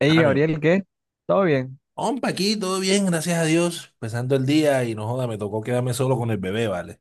Hey, Amigo, mío. Gabriel, ¿qué? ¿Todo bien? Hompa, aquí todo bien, gracias a Dios. Empezando el día y no joda, me tocó quedarme solo con el bebé, ¿vale?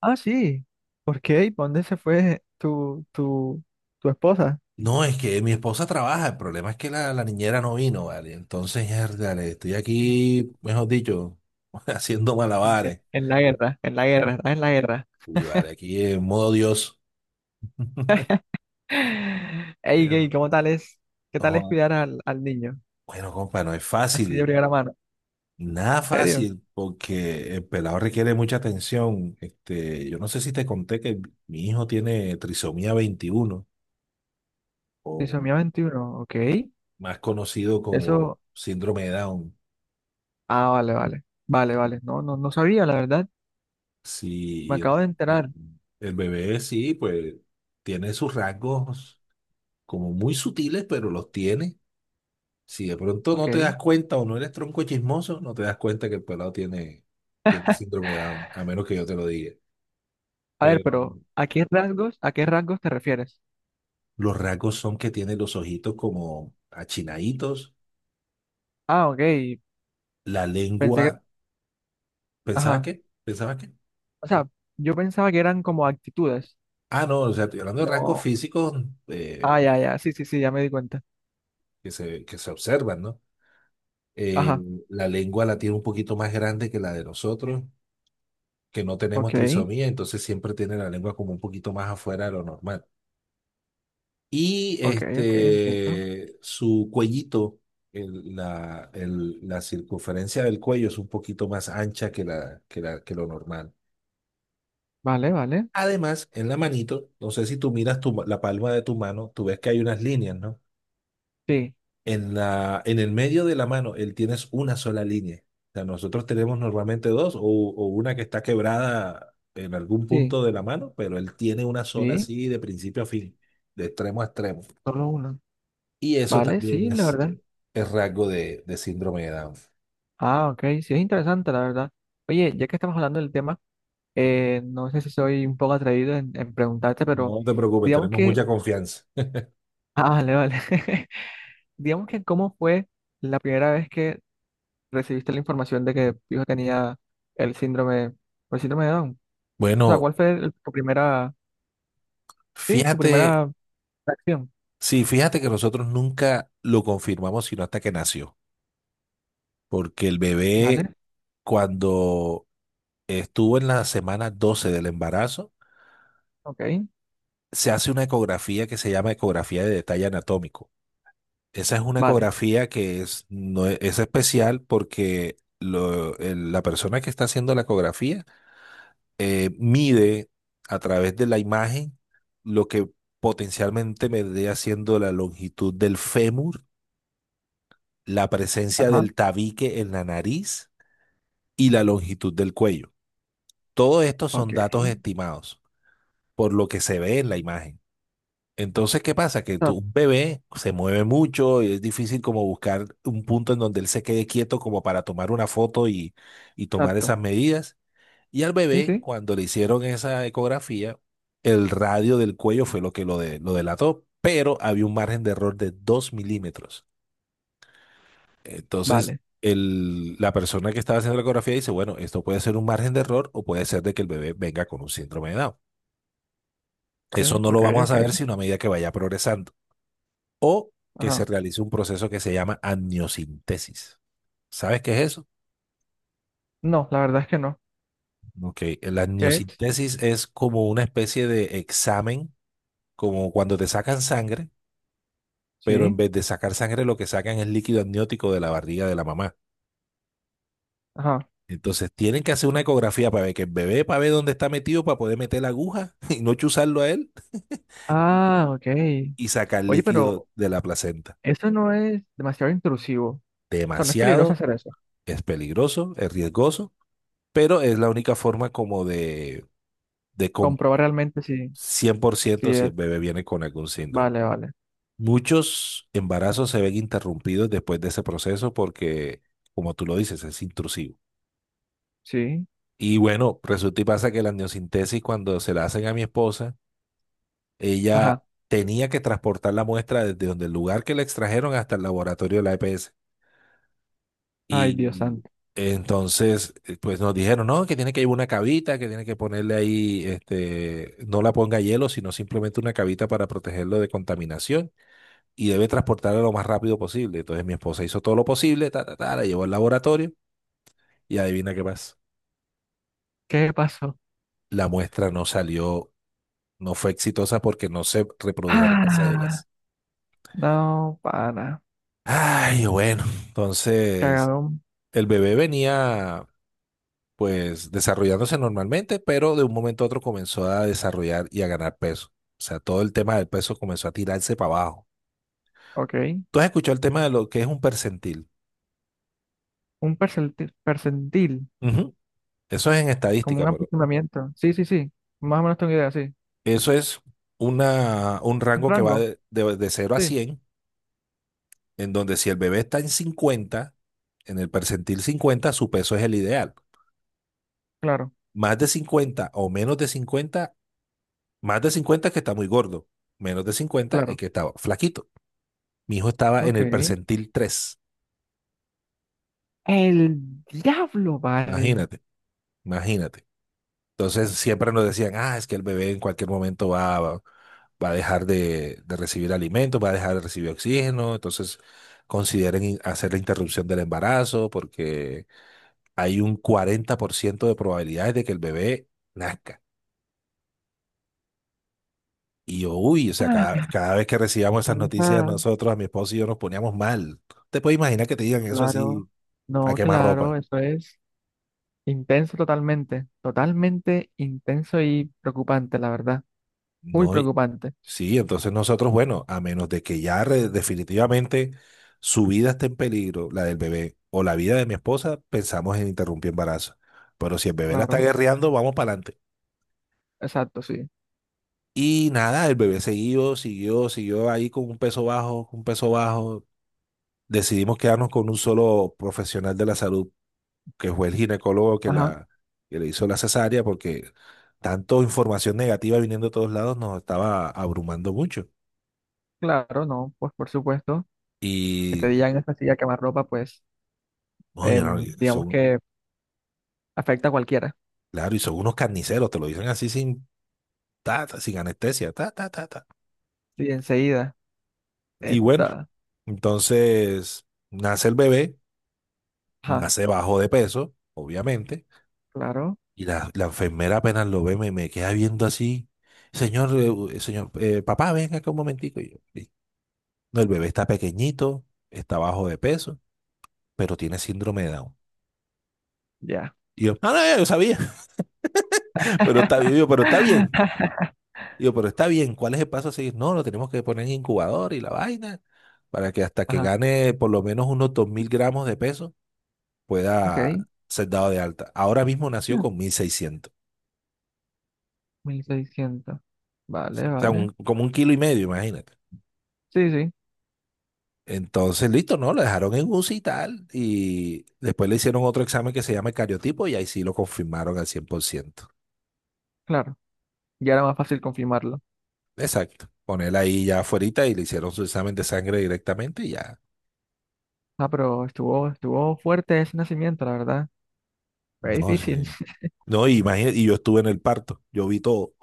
Ah, sí. ¿Por qué? ¿Y pa' dónde se fue tu esposa? No, es que mi esposa trabaja, el problema es que la niñera no vino, ¿vale? Entonces, dale, estoy Eh, aquí, mejor dicho, haciendo En, en malabares. en la guerra, en la guerra, estás en la guerra. Y vale, aquí en modo Dios. Hey, Eh, ¿qué? ¿Cómo tal es? ¿Qué no tal es joda. cuidar al, al niño? Bueno, compa, no es Así de fácil, primera mano. nada ¿En serio? fácil, porque el pelado requiere mucha atención. Este, yo no sé si te conté que mi hijo tiene trisomía 21, o Trisomía 21. Ok. más conocido como Eso. síndrome de Down. Ah, vale, vale. Vale, vale. No, no, no sabía, la verdad. Me Si, acabo de enterar. el bebé sí, pues tiene sus rasgos como muy sutiles, pero los tiene. Si de pronto no te Ok. das cuenta o no eres tronco chismoso, no te das cuenta que el pelado tiene síndrome de Down, a menos que yo te lo diga. A ver, Pero pero a qué rasgos te refieres? los rasgos son que tiene los ojitos como achinaditos, Ah, ok. la Pensé lengua. que. ¿Pensabas Ajá. qué? ¿Pensabas qué? O sea, yo pensaba que eran como actitudes. Ah, no, o sea, estoy hablando de rasgos No. físicos, eh, Ah, ya, ya, sí, sí, sí, ya me di cuenta. que se observan, ¿no? eh, Ajá, la lengua la tiene un poquito más grande que la de nosotros, que no tenemos ok, trisomía, entonces siempre tiene la lengua como un poquito más afuera de lo normal. Y ok, ok, entiendo. este, su cuellito, la circunferencia del cuello es un poquito más ancha que lo normal. Vale, vale. Además, en la manito, no sé si tú miras tu la palma de tu mano, tú ves que hay unas líneas, ¿no? Sí, En el medio de la mano, él tienes una sola línea. O sea, nosotros tenemos normalmente dos o una que está quebrada en algún sí, punto de la mano, pero él tiene una sola sí, así de principio a fin, de extremo a extremo. solo uno. Y eso Vale, sí, también la es, verdad. eh, es rasgo de síndrome de Down. Ah, ok, sí, es interesante, la verdad. Oye, ya que estamos hablando del tema, no sé si soy un poco atrevido en preguntarte, pero No te preocupes, digamos tenemos que... mucha confianza. Ah, vale, vale. Digamos que cómo fue la primera vez que recibiste la información de que tu hijo tenía el síndrome, el síndrome de Down. O sea, Bueno, ¿cuál fue tu primera, sí, tu fíjate, primera reacción? sí, fíjate que nosotros nunca lo confirmamos sino hasta que nació, porque el bebé Vale, cuando Estuvo en la semana 12 del embarazo. ok, Se hace una ecografía que se llama ecografía de detalle anatómico. Esa es una vale, ecografía que es, no es, es especial porque la persona que está haciendo la ecografía, mide a través de la imagen lo que potencialmente me dé haciendo la longitud del fémur, la presencia ajá, del tabique en la nariz y la longitud del cuello. Todo esto ok, son datos estimados por lo que se ve en la imagen. Entonces, ¿qué pasa? Que tu ta- un bebé se mueve mucho y es difícil como buscar un punto en donde él se quede quieto como para tomar una foto y tomar exacto, esas medidas. Y al sí, bebé, sí, cuando le hicieron esa ecografía, el radio del cuello fue lo que lo delató, pero había un margen de error de 2 milímetros. Entonces, vale, la persona que estaba haciendo la ecografía dice, bueno, esto puede ser un margen de error o puede ser de que el bebé venga con un síndrome de Down. sí, Eso no lo ok, vamos a ok, saber sino a medida que vaya progresando, que se ajá. realice un proceso que se llama amniocentesis. ¿Sabes qué es eso? No, la verdad es que no. Ok, la ¿Qué es? amniocentesis es como una especie de examen, como cuando te sacan sangre, pero en Sí, vez de sacar sangre lo que sacan es líquido amniótico de la barriga de la mamá. ajá. Entonces tienen que hacer una ecografía para ver que el bebé, para ver dónde está metido, para poder meter la aguja y no chuzarlo a él Ah, ok. y sacar Oye, líquido pero de la placenta. eso no es demasiado intrusivo. O sea, no es peligroso Demasiado, hacer eso. es peligroso, es riesgoso, pero es la única forma como de, com- Comprobar realmente si, cien por si ciento si es. el bebé viene con algún síndrome. Vale, vale, Muchos embarazos se ven interrumpidos después de ese proceso porque, como tú lo dices, es intrusivo. sí, Y bueno, resulta y pasa que la amniocentesis, cuando se la hacen a mi esposa, ella ajá. tenía que transportar la muestra desde donde el lugar que la extrajeron hasta el laboratorio de la EPS. Ay, Dios Y santo. entonces, pues nos dijeron, no, que tiene que llevar una cavita, que tiene que ponerle ahí, este, no la ponga hielo, sino simplemente una cavita para protegerlo de contaminación y debe transportarla lo más rápido posible. Entonces mi esposa hizo todo lo posible, ta, ta, ta, la llevó al laboratorio y adivina qué pasa. ¿Qué pasó? La muestra no salió, no fue exitosa porque no se reprodujeron las Ah, cédulas. no, para. Ay, bueno, entonces Cagadón, el bebé venía pues desarrollándose normalmente, pero de un momento a otro comenzó a desarrollar y a ganar peso. O sea, todo el tema del peso comenzó a tirarse para abajo. ok. ¿Tú has escuchado el tema de lo que es un percentil? Un percentil, percentil, Ujú. Eso es en como estadística, un pero aproximamiento. Sí, sí, sí. Más o menos tengo idea, sí. eso es una, un Un rango que va rango. de 0 a Sí, 100, en donde si el bebé está en cincuenta, en el percentil 50 su peso es el ideal. claro, Más de 50 o menos de cincuenta, más de 50 es que está muy gordo, menos de cincuenta es claro. que está flaquito. Mi hijo estaba en Ok. el percentil 3, El diablo, vale. imagínate, imagínate. Entonces siempre nos decían, ah, es que el bebé en cualquier momento va a dejar de recibir alimento, va a dejar de recibir oxígeno, entonces consideren hacer la interrupción del embarazo porque hay un 40% de probabilidades de que el bebé nazca. Y yo, uy, o sea, Ah, cada vez que recibíamos esas con noticias esa- nosotros, a mi esposo y yo nos poníamos mal. Te puedes imaginar que te digan eso así Claro. a No, quemarropa. claro, eso es intenso totalmente. Totalmente intenso y preocupante, la verdad. Muy No, preocupante. sí, entonces nosotros, bueno, a menos de que ya definitivamente su vida esté en peligro, la del bebé o la vida de mi esposa, pensamos en interrumpir embarazo. Pero si el bebé la está Claro, guerreando, vamos para adelante. exacto, sí. Y nada, el bebé siguió, siguió, siguió ahí con un peso bajo, con un peso bajo. Decidimos quedarnos con un solo profesional de la salud, que fue el ginecólogo Ajá. Que le hizo la cesárea, porque tanto información negativa viniendo de todos lados nos estaba abrumando mucho. Claro, no, pues por supuesto. Que te Y digan esta silla quemar ropa, pues, uy, no, digamos son, que afecta a cualquiera. claro, y son unos carniceros, te lo dicen así sin, ta, ta, sin anestesia, ta, ta, ta, ta. Sí, enseguida. Y bueno, Esta. entonces nace el bebé, Ajá, nace bajo de peso, obviamente, claro, y la enfermera apenas lo ve, me queda viendo así, señor, señor, papá, venga acá un momentico. Y yo, "Sí". No, el bebé está pequeñito, está bajo de peso, pero tiene síndrome de Down. ya. Y yo, ah, no, ya yo sabía, pero está, bien, pero está bien. Digo, pero está bien, ¿cuál es el paso a seguir? No, lo tenemos que poner en incubador y la vaina, para que hasta que Ajá, gane por lo menos unos 2000 gramos de peso ok. pueda ser dado de alta. Ahora mismo nació Ah, con 1600, 1600, vale, o sea, vale. como un kilo y medio, imagínate. Sí, sí, Entonces, listo, ¿no? Lo dejaron en UCI y tal, y después le hicieron otro examen que se llama el cariotipo y ahí sí lo confirmaron al 100%. claro. Ya era más fácil confirmarlo. Exacto. Ponerla ahí ya afuerita y le hicieron su examen de sangre directamente y ya. Ah, pero estuvo, estuvo fuerte ese nacimiento, la verdad. Fue No, difícil. sí. No, imagínate, y yo estuve en el parto, yo vi todo.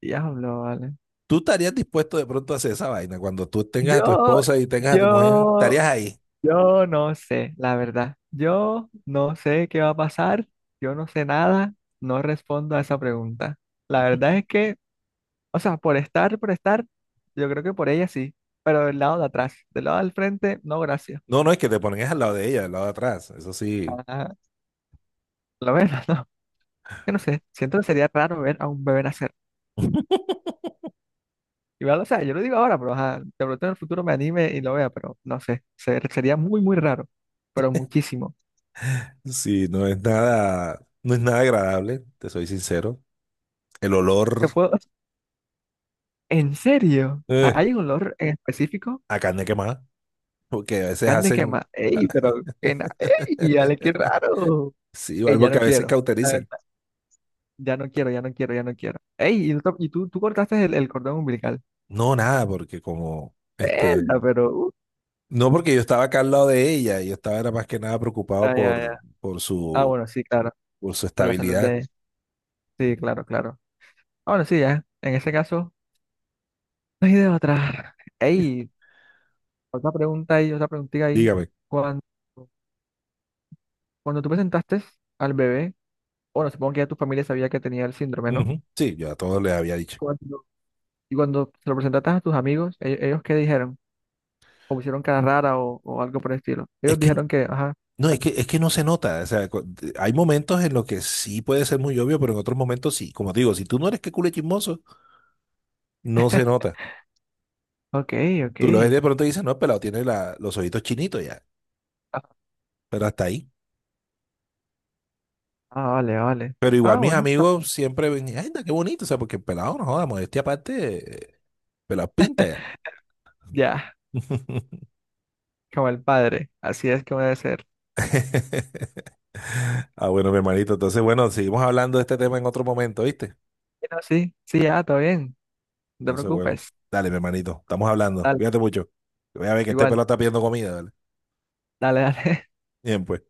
Diablo, vale. ¿Tú estarías dispuesto de pronto a hacer esa vaina? Cuando tú tengas a tu Yo, esposa y tengas a tu mujer, yo, estarías ahí. yo no sé, la verdad. Yo no sé qué va a pasar. Yo no sé nada. No respondo a esa pregunta. La verdad es que, o sea, por estar, yo creo que por ella sí, pero del lado de atrás, del lado del frente, no, gracias. No, no es que te pones al lado de ella, al lado de atrás. Eso sí, Ajá, lo ven, no, que no sé, siento que sería raro ver a un bebé nacer. Igual, o sea, yo lo digo ahora, pero ajá, de pronto en el futuro me anime y lo vea, pero no sé, sería muy, muy raro, pero muchísimo. sí, no es nada, no es nada agradable, te soy sincero. El ¿Te olor, puedo... ¿En serio? Eh, ¿Hay un olor en específico? a carne quemada, porque a veces Carne hacen, quema. ¡Ey, pero ¡Ey, dale, qué raro! sí, ¡Ey, ya algo que no a veces quiero! La cauterizan. verdad, ya no quiero, ya no quiero, ya no quiero. ¡Ey, y tú, tú cortaste el cordón umbilical! No, nada, porque como, este, Verdad, pero... no porque yo estaba acá al lado de ella, yo estaba era más que nada preocupado ah, ya, por, ya. por Ah, su, bueno, sí, claro. por su Por la salud estabilidad. de... Sí, claro, claro. Ah, bueno, sí, ya. En ese caso, no hay de otra. Ey, otra pregunta ahí, otra preguntita ahí. Dígame. Cuando, cuando tú presentaste al bebé, bueno, supongo que ya tu familia sabía que tenía el síndrome, ¿no? Ujú. Sí, yo a todos les había dicho. Cuando- y cuando se lo presentaste a tus amigos, ¿ellos qué dijeron? ¿O pusieron cara rara o algo por el estilo? Es Ellos que dijeron que, ajá, no, vale. Es que no se nota. O sea, hay momentos en los que sí puede ser muy obvio, pero en otros momentos sí. Como te digo, si tú no eres que culo chismoso, no se nota. Ok, ok. Tú lo ves de pronto y dices, no, el pelado tiene los ojitos chinitos ya. Ah, Pero hasta ahí. ah, vale, vale. Pero igual Ah, mis bueno, amigos siempre ven, ay, anda, qué bonito. O sea, porque el pelado no joda, modestia aparte, pelado pinta ya. ya, como el padre. Así es como debe ser. Ah, bueno, mi hermanito. Entonces, bueno, seguimos hablando de este tema en otro momento, ¿viste? No, sí, sí, ya, todo bien. No te Entonces, bueno, preocupes. dale, mi hermanito, estamos hablando. Dale, Cuídate mucho. Voy a ver que este igual. pelo está pidiendo comida, dale. Dale, dale. Bien, pues.